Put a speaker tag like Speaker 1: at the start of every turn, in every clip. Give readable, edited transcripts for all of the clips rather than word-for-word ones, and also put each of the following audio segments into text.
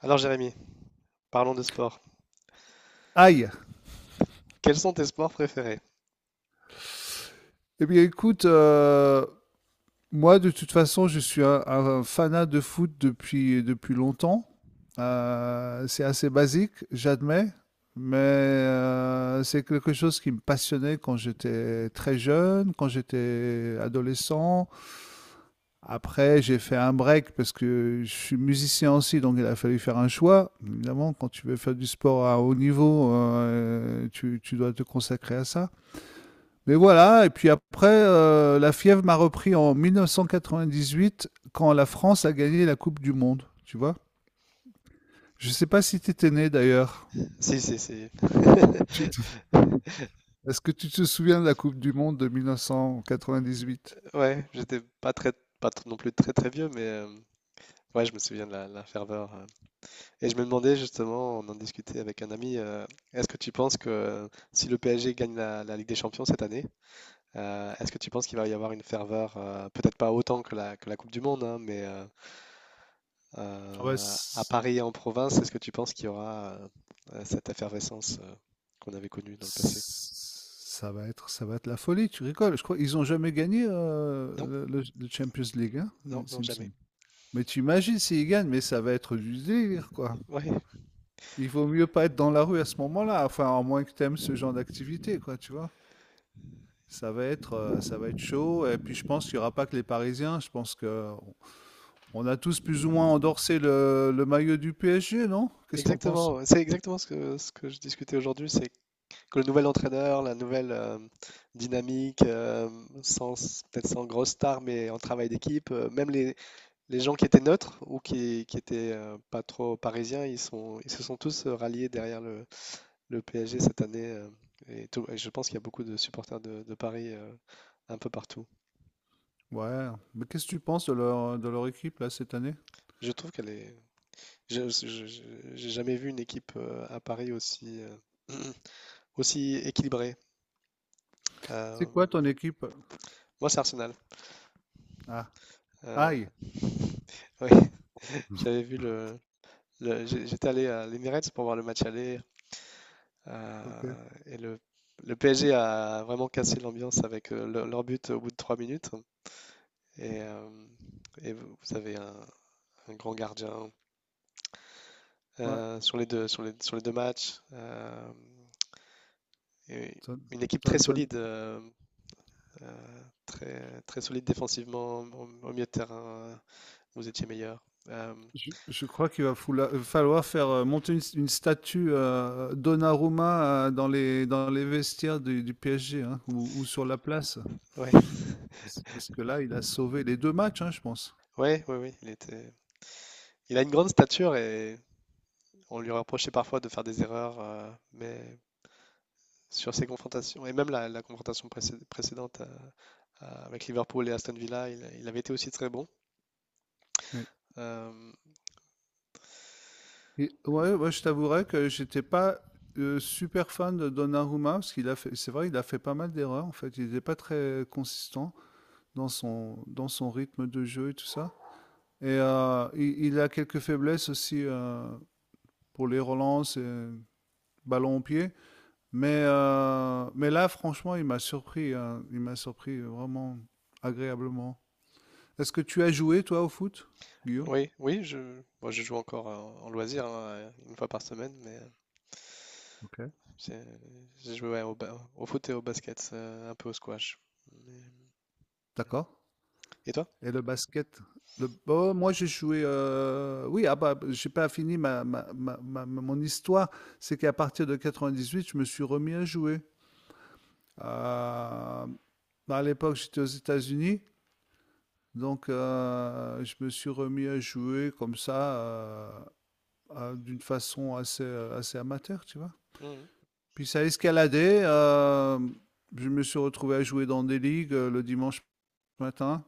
Speaker 1: Alors Jérémy, parlons de sport.
Speaker 2: Aïe.
Speaker 1: Quels sont tes sports préférés?
Speaker 2: Eh bien, écoute, moi, de toute façon, je suis un fanat de foot depuis longtemps. C'est assez basique, j'admets, mais c'est quelque chose qui me passionnait quand j'étais très jeune, quand j'étais adolescent. Après, j'ai fait un break parce que je suis musicien aussi, donc il a fallu faire un choix. Évidemment, quand tu veux faire du sport à haut niveau, tu dois te consacrer à ça. Mais voilà, et puis après, la fièvre m'a repris en 1998 quand la France a gagné la Coupe du Monde, tu vois. Je sais pas si tu étais né d'ailleurs.
Speaker 1: Si, si, si.
Speaker 2: Tu te- Est-ce que tu te souviens de la Coupe du Monde de 1998?
Speaker 1: Ouais, j'étais pas très, pas tr- non plus très très vieux, mais ouais, je me souviens de la ferveur. Et je me demandais justement, on en discutait avec un ami, est-ce que tu penses que si le PSG gagne la Ligue des Champions cette année, est-ce que tu penses qu'il va y avoir une ferveur, peut-être pas autant que que la Coupe du Monde, hein, mais euh,
Speaker 2: Ah ouais,
Speaker 1: euh, à Paris et en province, est-ce que tu penses qu'il y aura cette effervescence qu'on avait connue dans le passé?
Speaker 2: ça va être la folie, tu rigoles. Je crois qu'ils n'ont jamais gagné le Champions League, hein, il
Speaker 1: Non, non,
Speaker 2: il me
Speaker 1: jamais.
Speaker 2: semble. Mais tu imagines s'ils gagnent, mais ça va être du délire, quoi.
Speaker 1: Ouais,
Speaker 2: Il vaut mieux pas être dans la rue à ce moment-là, enfin, à moins que tu aimes ce genre d'activité, quoi, tu vois. Ça va être chaud. Et puis, je pense qu'il n'y aura pas que les Parisiens. Je pense que on a tous plus ou moins endorsé le maillot du PSG, non? Qu'est-ce que t'en penses?
Speaker 1: exactement. C'est exactement ce que je discutais aujourd'hui, c'est que le nouvel entraîneur, la nouvelle dynamique, sans, peut-être sans grosse star, mais en travail d'équipe, même les gens qui étaient neutres ou qui étaient pas trop parisiens, ils se sont tous ralliés derrière le PSG cette année. Et je pense qu'il y a beaucoup de supporters de Paris un peu partout.
Speaker 2: Ouais. Mais qu'est-ce que tu penses de leur équipe, là, cette année?
Speaker 1: Je trouve qu'elle est. je- je- je- J'ai jamais vu une équipe à Paris aussi. Aussi équilibré.
Speaker 2: C'est
Speaker 1: Euh,
Speaker 2: quoi ton équipe?
Speaker 1: moi, c'est Arsenal.
Speaker 2: Ah,
Speaker 1: Euh,
Speaker 2: aïe.
Speaker 1: oui, j'avais vu le- j'ai- j'étais allé à l'Emirates pour voir le match aller
Speaker 2: Ok.
Speaker 1: et le PSG a vraiment cassé l'ambiance avec leur but au bout de trois minutes. Et, euh, et vous avez un grand gardien
Speaker 2: Ouais.
Speaker 1: sur les deux matchs. Et une équipe très
Speaker 2: ton-
Speaker 1: solide, très, très solide défensivement. Au milieu de terrain, vous étiez meilleur. Euh,
Speaker 2: je crois qu'il va falloir faire, monter une statue, Donnarumma, dans les vestiaires du PSG, hein, ou sur la place.
Speaker 1: Ouais,
Speaker 2: Parce que là, il a sauvé les deux matchs, hein, je pense.
Speaker 1: ouais, il était... Il a une grande stature et on lui reprochait parfois de faire des erreurs, mais sur ses confrontations, et même la confrontation précédente avec Liverpool et Aston Villa, il avait été aussi très bon.
Speaker 2: Oui.
Speaker 1: Euh,
Speaker 2: Ouais, moi je t'avouerais que j'étais pas super fan de Donnarumma parce qu'il a fait, c'est vrai, il a fait pas mal d'erreurs en fait. Il n'était pas très consistant dans son rythme de jeu et tout ça. Et il a quelques faiblesses aussi pour les relances et ballon au pied. Mais là, franchement, il m'a surpris, hein. Il m'a surpris vraiment agréablement. Est-ce que tu as joué toi au foot, Guillaume?
Speaker 1: oui, je, moi je joue encore en, en loisir, hein, une fois par semaine,
Speaker 2: Ok.
Speaker 1: j'ai j'ai joué ouais, au foot et au basket, un peu au squash. Mais-
Speaker 2: D'accord.
Speaker 1: Et toi?
Speaker 2: Et le basket. Oh, moi j'ai joué. Oui, ah bah, j'ai pas fini mon histoire. C'est qu'à partir de 98, je me suis remis à jouer. Euh, À l'époque, j'étais aux États-Unis, donc je me suis remis à jouer comme ça, d'une façon assez, assez amateur, tu vois.
Speaker 1: Mhm.
Speaker 2: Puis ça a escaladé. Je me suis retrouvé à jouer dans des ligues le dimanche matin.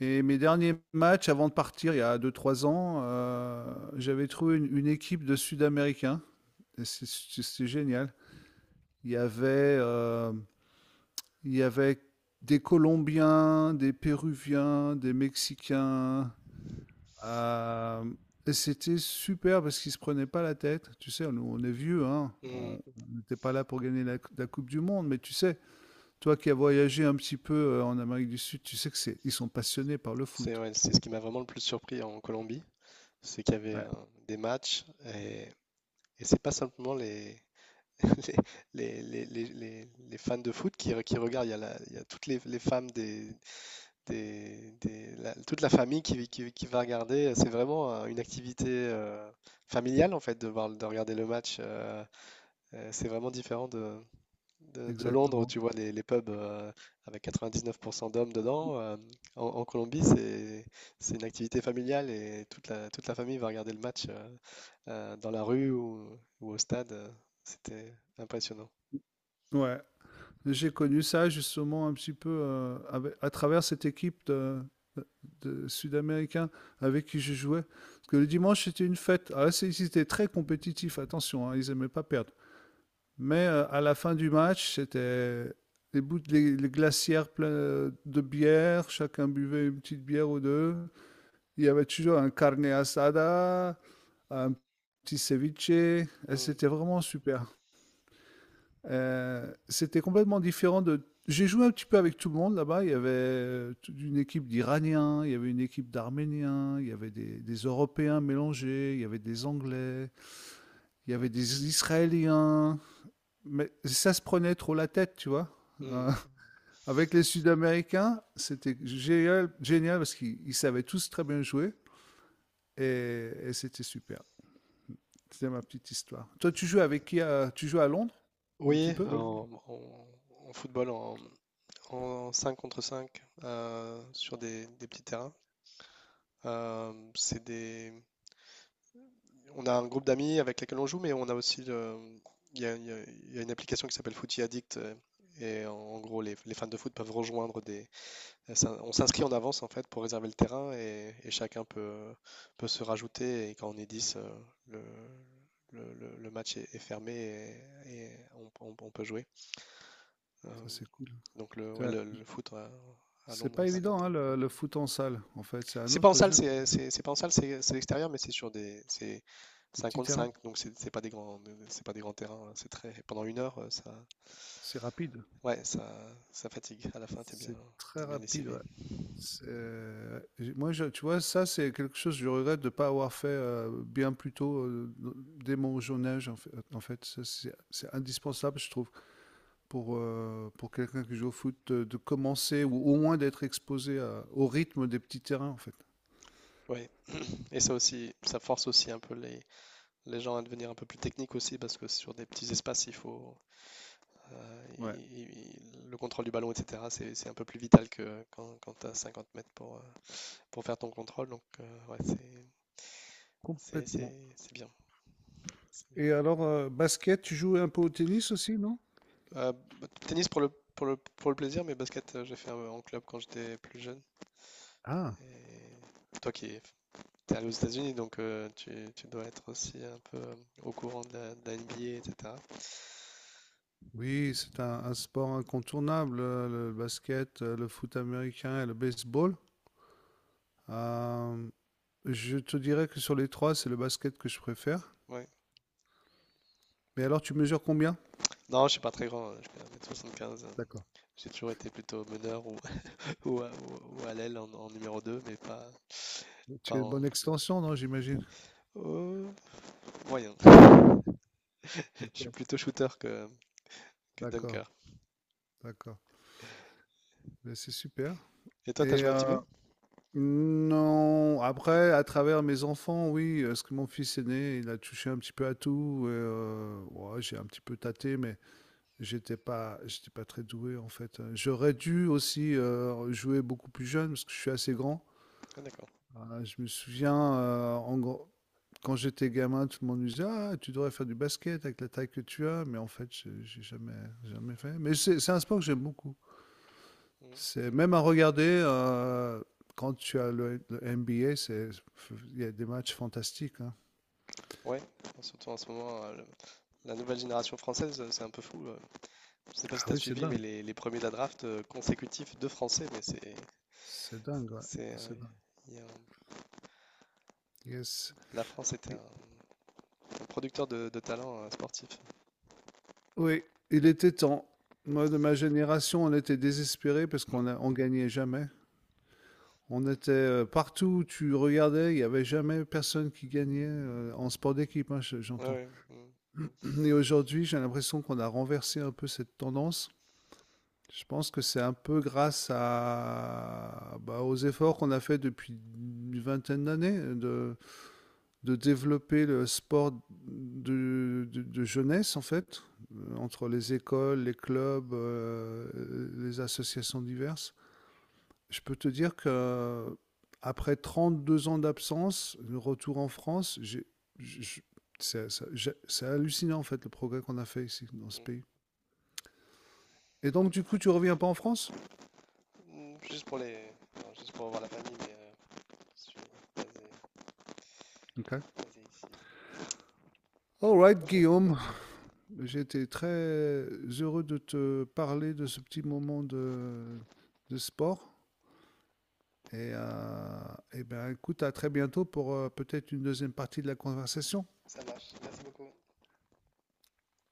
Speaker 2: Et mes derniers matchs, avant de partir, il y a deux trois ans, j'avais trouvé une équipe de Sud-Américains. C'est génial. Il y avait, euh, il y avait des Colombiens, des Péruviens, des Mexicains. euh, et c'était super parce qu'ils se prenaient pas la tête. Tu sais, nous, on est vieux, hein.
Speaker 1: Mhm.
Speaker 2: On n'était pas là pour gagner la Coupe du Monde, mais tu sais, toi qui as voyagé un petit peu en Amérique du Sud, tu sais que c'est, ils sont passionnés par le
Speaker 1: C'est
Speaker 2: foot.
Speaker 1: ouais, c'est ce qui m'a vraiment le plus surpris en Colombie. C'est qu'il y avait
Speaker 2: Ouais.
Speaker 1: des matchs et, et c'est pas simplement les fans de foot qui regardent. Il y a toutes les femmes toute la famille qui va regarder. C'est vraiment une activité familiale en fait de voir, de regarder le match. C'est vraiment différent de Londres où
Speaker 2: Exactement.
Speaker 1: tu vois les pubs avec 99% d'hommes dedans. En Colombie, c'est une activité familiale et toute toute la famille va regarder le match. Dans la rue ou au stade. C'était impressionnant.
Speaker 2: Ouais. J'ai connu ça justement un petit peu à travers cette équipe de Sud-Américains avec qui je jouais. Parce que le dimanche, c'était une fête. Ah, ils étaient très compétitifs, attention, hein, ils n'aimaient pas perdre. Mais à la fin du match, c'était les glacières pleines de bière, chacun buvait une petite bière ou deux. Il y avait toujours un carne asada, un petit ceviche, et
Speaker 1: Mm,
Speaker 2: c'était vraiment super. C'était complètement différent de j'ai joué un petit peu avec tout le monde là-bas. Il y avait, toute une équipe d'Iraniens, il y avait une équipe d'Arméniens, il y avait des Européens mélangés, il y avait des Anglais, il y avait des Israéliens, mais ça se prenait trop la tête, tu vois? Heu,
Speaker 1: mm.
Speaker 2: Avec les Sud-Américains, c'était génial génial parce qu'ils savaient tous très bien jouer et c'était super. C'était ma petite histoire. Toi, tu joues à Londres, un
Speaker 1: Oui,
Speaker 2: petit peu? Oui.
Speaker 1: en football, en 5 contre 5 sur des petits terrains. C'est des... On a un groupe d'amis avec lesquels on joue, mais on a aussi il y a, il y a- il y a une application qui s'appelle Footy Addict. Et en, en gros, les fans de foot peuvent rejoindre des, on s'inscrit en avance en fait pour réserver le terrain et chacun peut, peut se rajouter. Et quand on est 10 le, le match est, est fermé et, on peut jouer. Euh,
Speaker 2: Ça, c'est cool.
Speaker 1: donc
Speaker 2: Tu
Speaker 1: ouais, le foot à
Speaker 2: C'est
Speaker 1: Londres,
Speaker 2: pas évident, hein, le foot en salle. En fait, c'est un
Speaker 1: c'est pas en
Speaker 2: autre
Speaker 1: salle,
Speaker 2: jeu.
Speaker 1: c'est pas en salle, c'est extérieur, mais c'est sur des c'est
Speaker 2: Le
Speaker 1: cinq
Speaker 2: petit
Speaker 1: contre
Speaker 2: terrain,
Speaker 1: cinq, donc c'est pas des grands c'est pas des grands terrains. Hein, c'est très pendant une heure, ça
Speaker 2: c'est rapide.
Speaker 1: ouais ça ça fatigue. À la fin,
Speaker 2: C'est très
Speaker 1: t'es bien
Speaker 2: rapide,
Speaker 1: lessivé.
Speaker 2: ouais. C'est- Moi, tu vois, ça, c'est quelque chose que je regrette de ne pas avoir fait bien plus tôt, dès mon jeune âge. En fait. Ça, c'est indispensable, je trouve, pour quelqu'un qui joue au foot, de commencer ou au moins d'être exposé au rythme des petits terrains, en fait.
Speaker 1: Oui, et ça aussi, ça force aussi un peu les gens à devenir un peu plus techniques aussi, parce que sur des petits espaces, il faut euh, il-
Speaker 2: Ouais,
Speaker 1: il- le contrôle du ballon, etc. C'est un peu plus vital que quand, quand tu as 50 mètres pour faire ton contrôle. Donc, ouais,
Speaker 2: complètement.
Speaker 1: c'est bien. c'est bien.
Speaker 2: Et alors, basket, tu joues un peu au tennis aussi, non?
Speaker 1: Bah, tennis pour pour le plaisir, mais basket, en club quand j'étais plus jeune.
Speaker 2: Ah.
Speaker 1: Et toi qui es allé aux États-Unis, donc tu dois être aussi un peu au courant de de la NBA, etc.
Speaker 2: Oui, c'est un sport incontournable, le basket, le foot américain et le baseball. Euh, je te dirais que sur les trois, c'est le basket que je préfère.
Speaker 1: Ouais.
Speaker 2: Mais alors, tu mesures combien?
Speaker 1: Non, je suis pas très grand, hein, je fais 1m75. Hein.
Speaker 2: D'accord.
Speaker 1: J'ai toujours été plutôt meneur ou, à l'aile en, en numéro 2, mais pas,
Speaker 2: Tu
Speaker 1: pas
Speaker 2: as une bonne
Speaker 1: en
Speaker 2: extension, non, j'imagine.
Speaker 1: oh, moyen. Je suis
Speaker 2: Ok.
Speaker 1: plutôt shooter que
Speaker 2: D'accord,
Speaker 1: dunker.
Speaker 2: d'accord. Mais c'est super.
Speaker 1: Et toi, t'as
Speaker 2: Et
Speaker 1: joué un petit
Speaker 2: euh,
Speaker 1: peu?
Speaker 2: non, après, à travers mes enfants, oui, parce que mon fils aîné, il a touché un petit peu à tout. Et, ouais, j'ai un petit peu tâté, mais j'étais pas très doué en fait. J'aurais dû aussi jouer beaucoup plus jeune parce que je suis assez grand.
Speaker 1: Ah, d'accord.
Speaker 2: Je me souviens en gros, quand j'étais gamin, tout le monde me disait ah tu devrais faire du basket avec la taille que tu as, mais en fait j'ai jamais jamais fait. Mais c'est un sport que j'aime beaucoup.
Speaker 1: Mm.
Speaker 2: C'est même à regarder quand tu as le NBA, c'est il y a des matchs fantastiques, hein.
Speaker 1: Ouais, surtout en ce moment, la nouvelle génération française, c'est un peu fou. Je sais pas si
Speaker 2: Ah
Speaker 1: t'as
Speaker 2: oui, c'est
Speaker 1: suivi, mais
Speaker 2: dingue.
Speaker 1: les premiers de la draft consécutifs de Français, mais
Speaker 2: C'est dingue, ouais.
Speaker 1: c'est,
Speaker 2: C'est dingue.
Speaker 1: il y a un-
Speaker 2: Yes.
Speaker 1: la France était un producteur de talent sportif.
Speaker 2: Oui, il était temps. Moi, de ma génération, on était désespérés parce qu'on gagnait jamais. On était partout où tu regardais, il n'y avait jamais personne qui gagnait en sport d'équipe, hein,
Speaker 1: Ouais,
Speaker 2: j'entends.
Speaker 1: mm,
Speaker 2: Et aujourd'hui, j'ai l'impression qu'on a renversé un peu cette tendance. Je pense que c'est un peu grâce à, bah, aux efforts qu'on a fait depuis une vingtaine d'années de développer le sport de jeunesse, en fait, entre les écoles, les clubs, les associations diverses. Je peux te dire que après 32 ans d'absence, le retour en France, je- je- c'est hallucinant, en fait, le progrès qu'on a fait ici, dans ce
Speaker 1: mm.
Speaker 2: pays. Et donc, du coup, tu reviens pas en France?
Speaker 1: Mm, juste pour non, juste pour voir la famille, je suis basé,
Speaker 2: Ok.
Speaker 1: basé ici.
Speaker 2: All right,
Speaker 1: Ok,
Speaker 2: Guillaume, j'ai été très heureux de te parler de ce petit moment de sport. Et, euh, et ben, écoute, à très bientôt pour peut-être une deuxième partie de la conversation.
Speaker 1: ça marche. Merci beaucoup.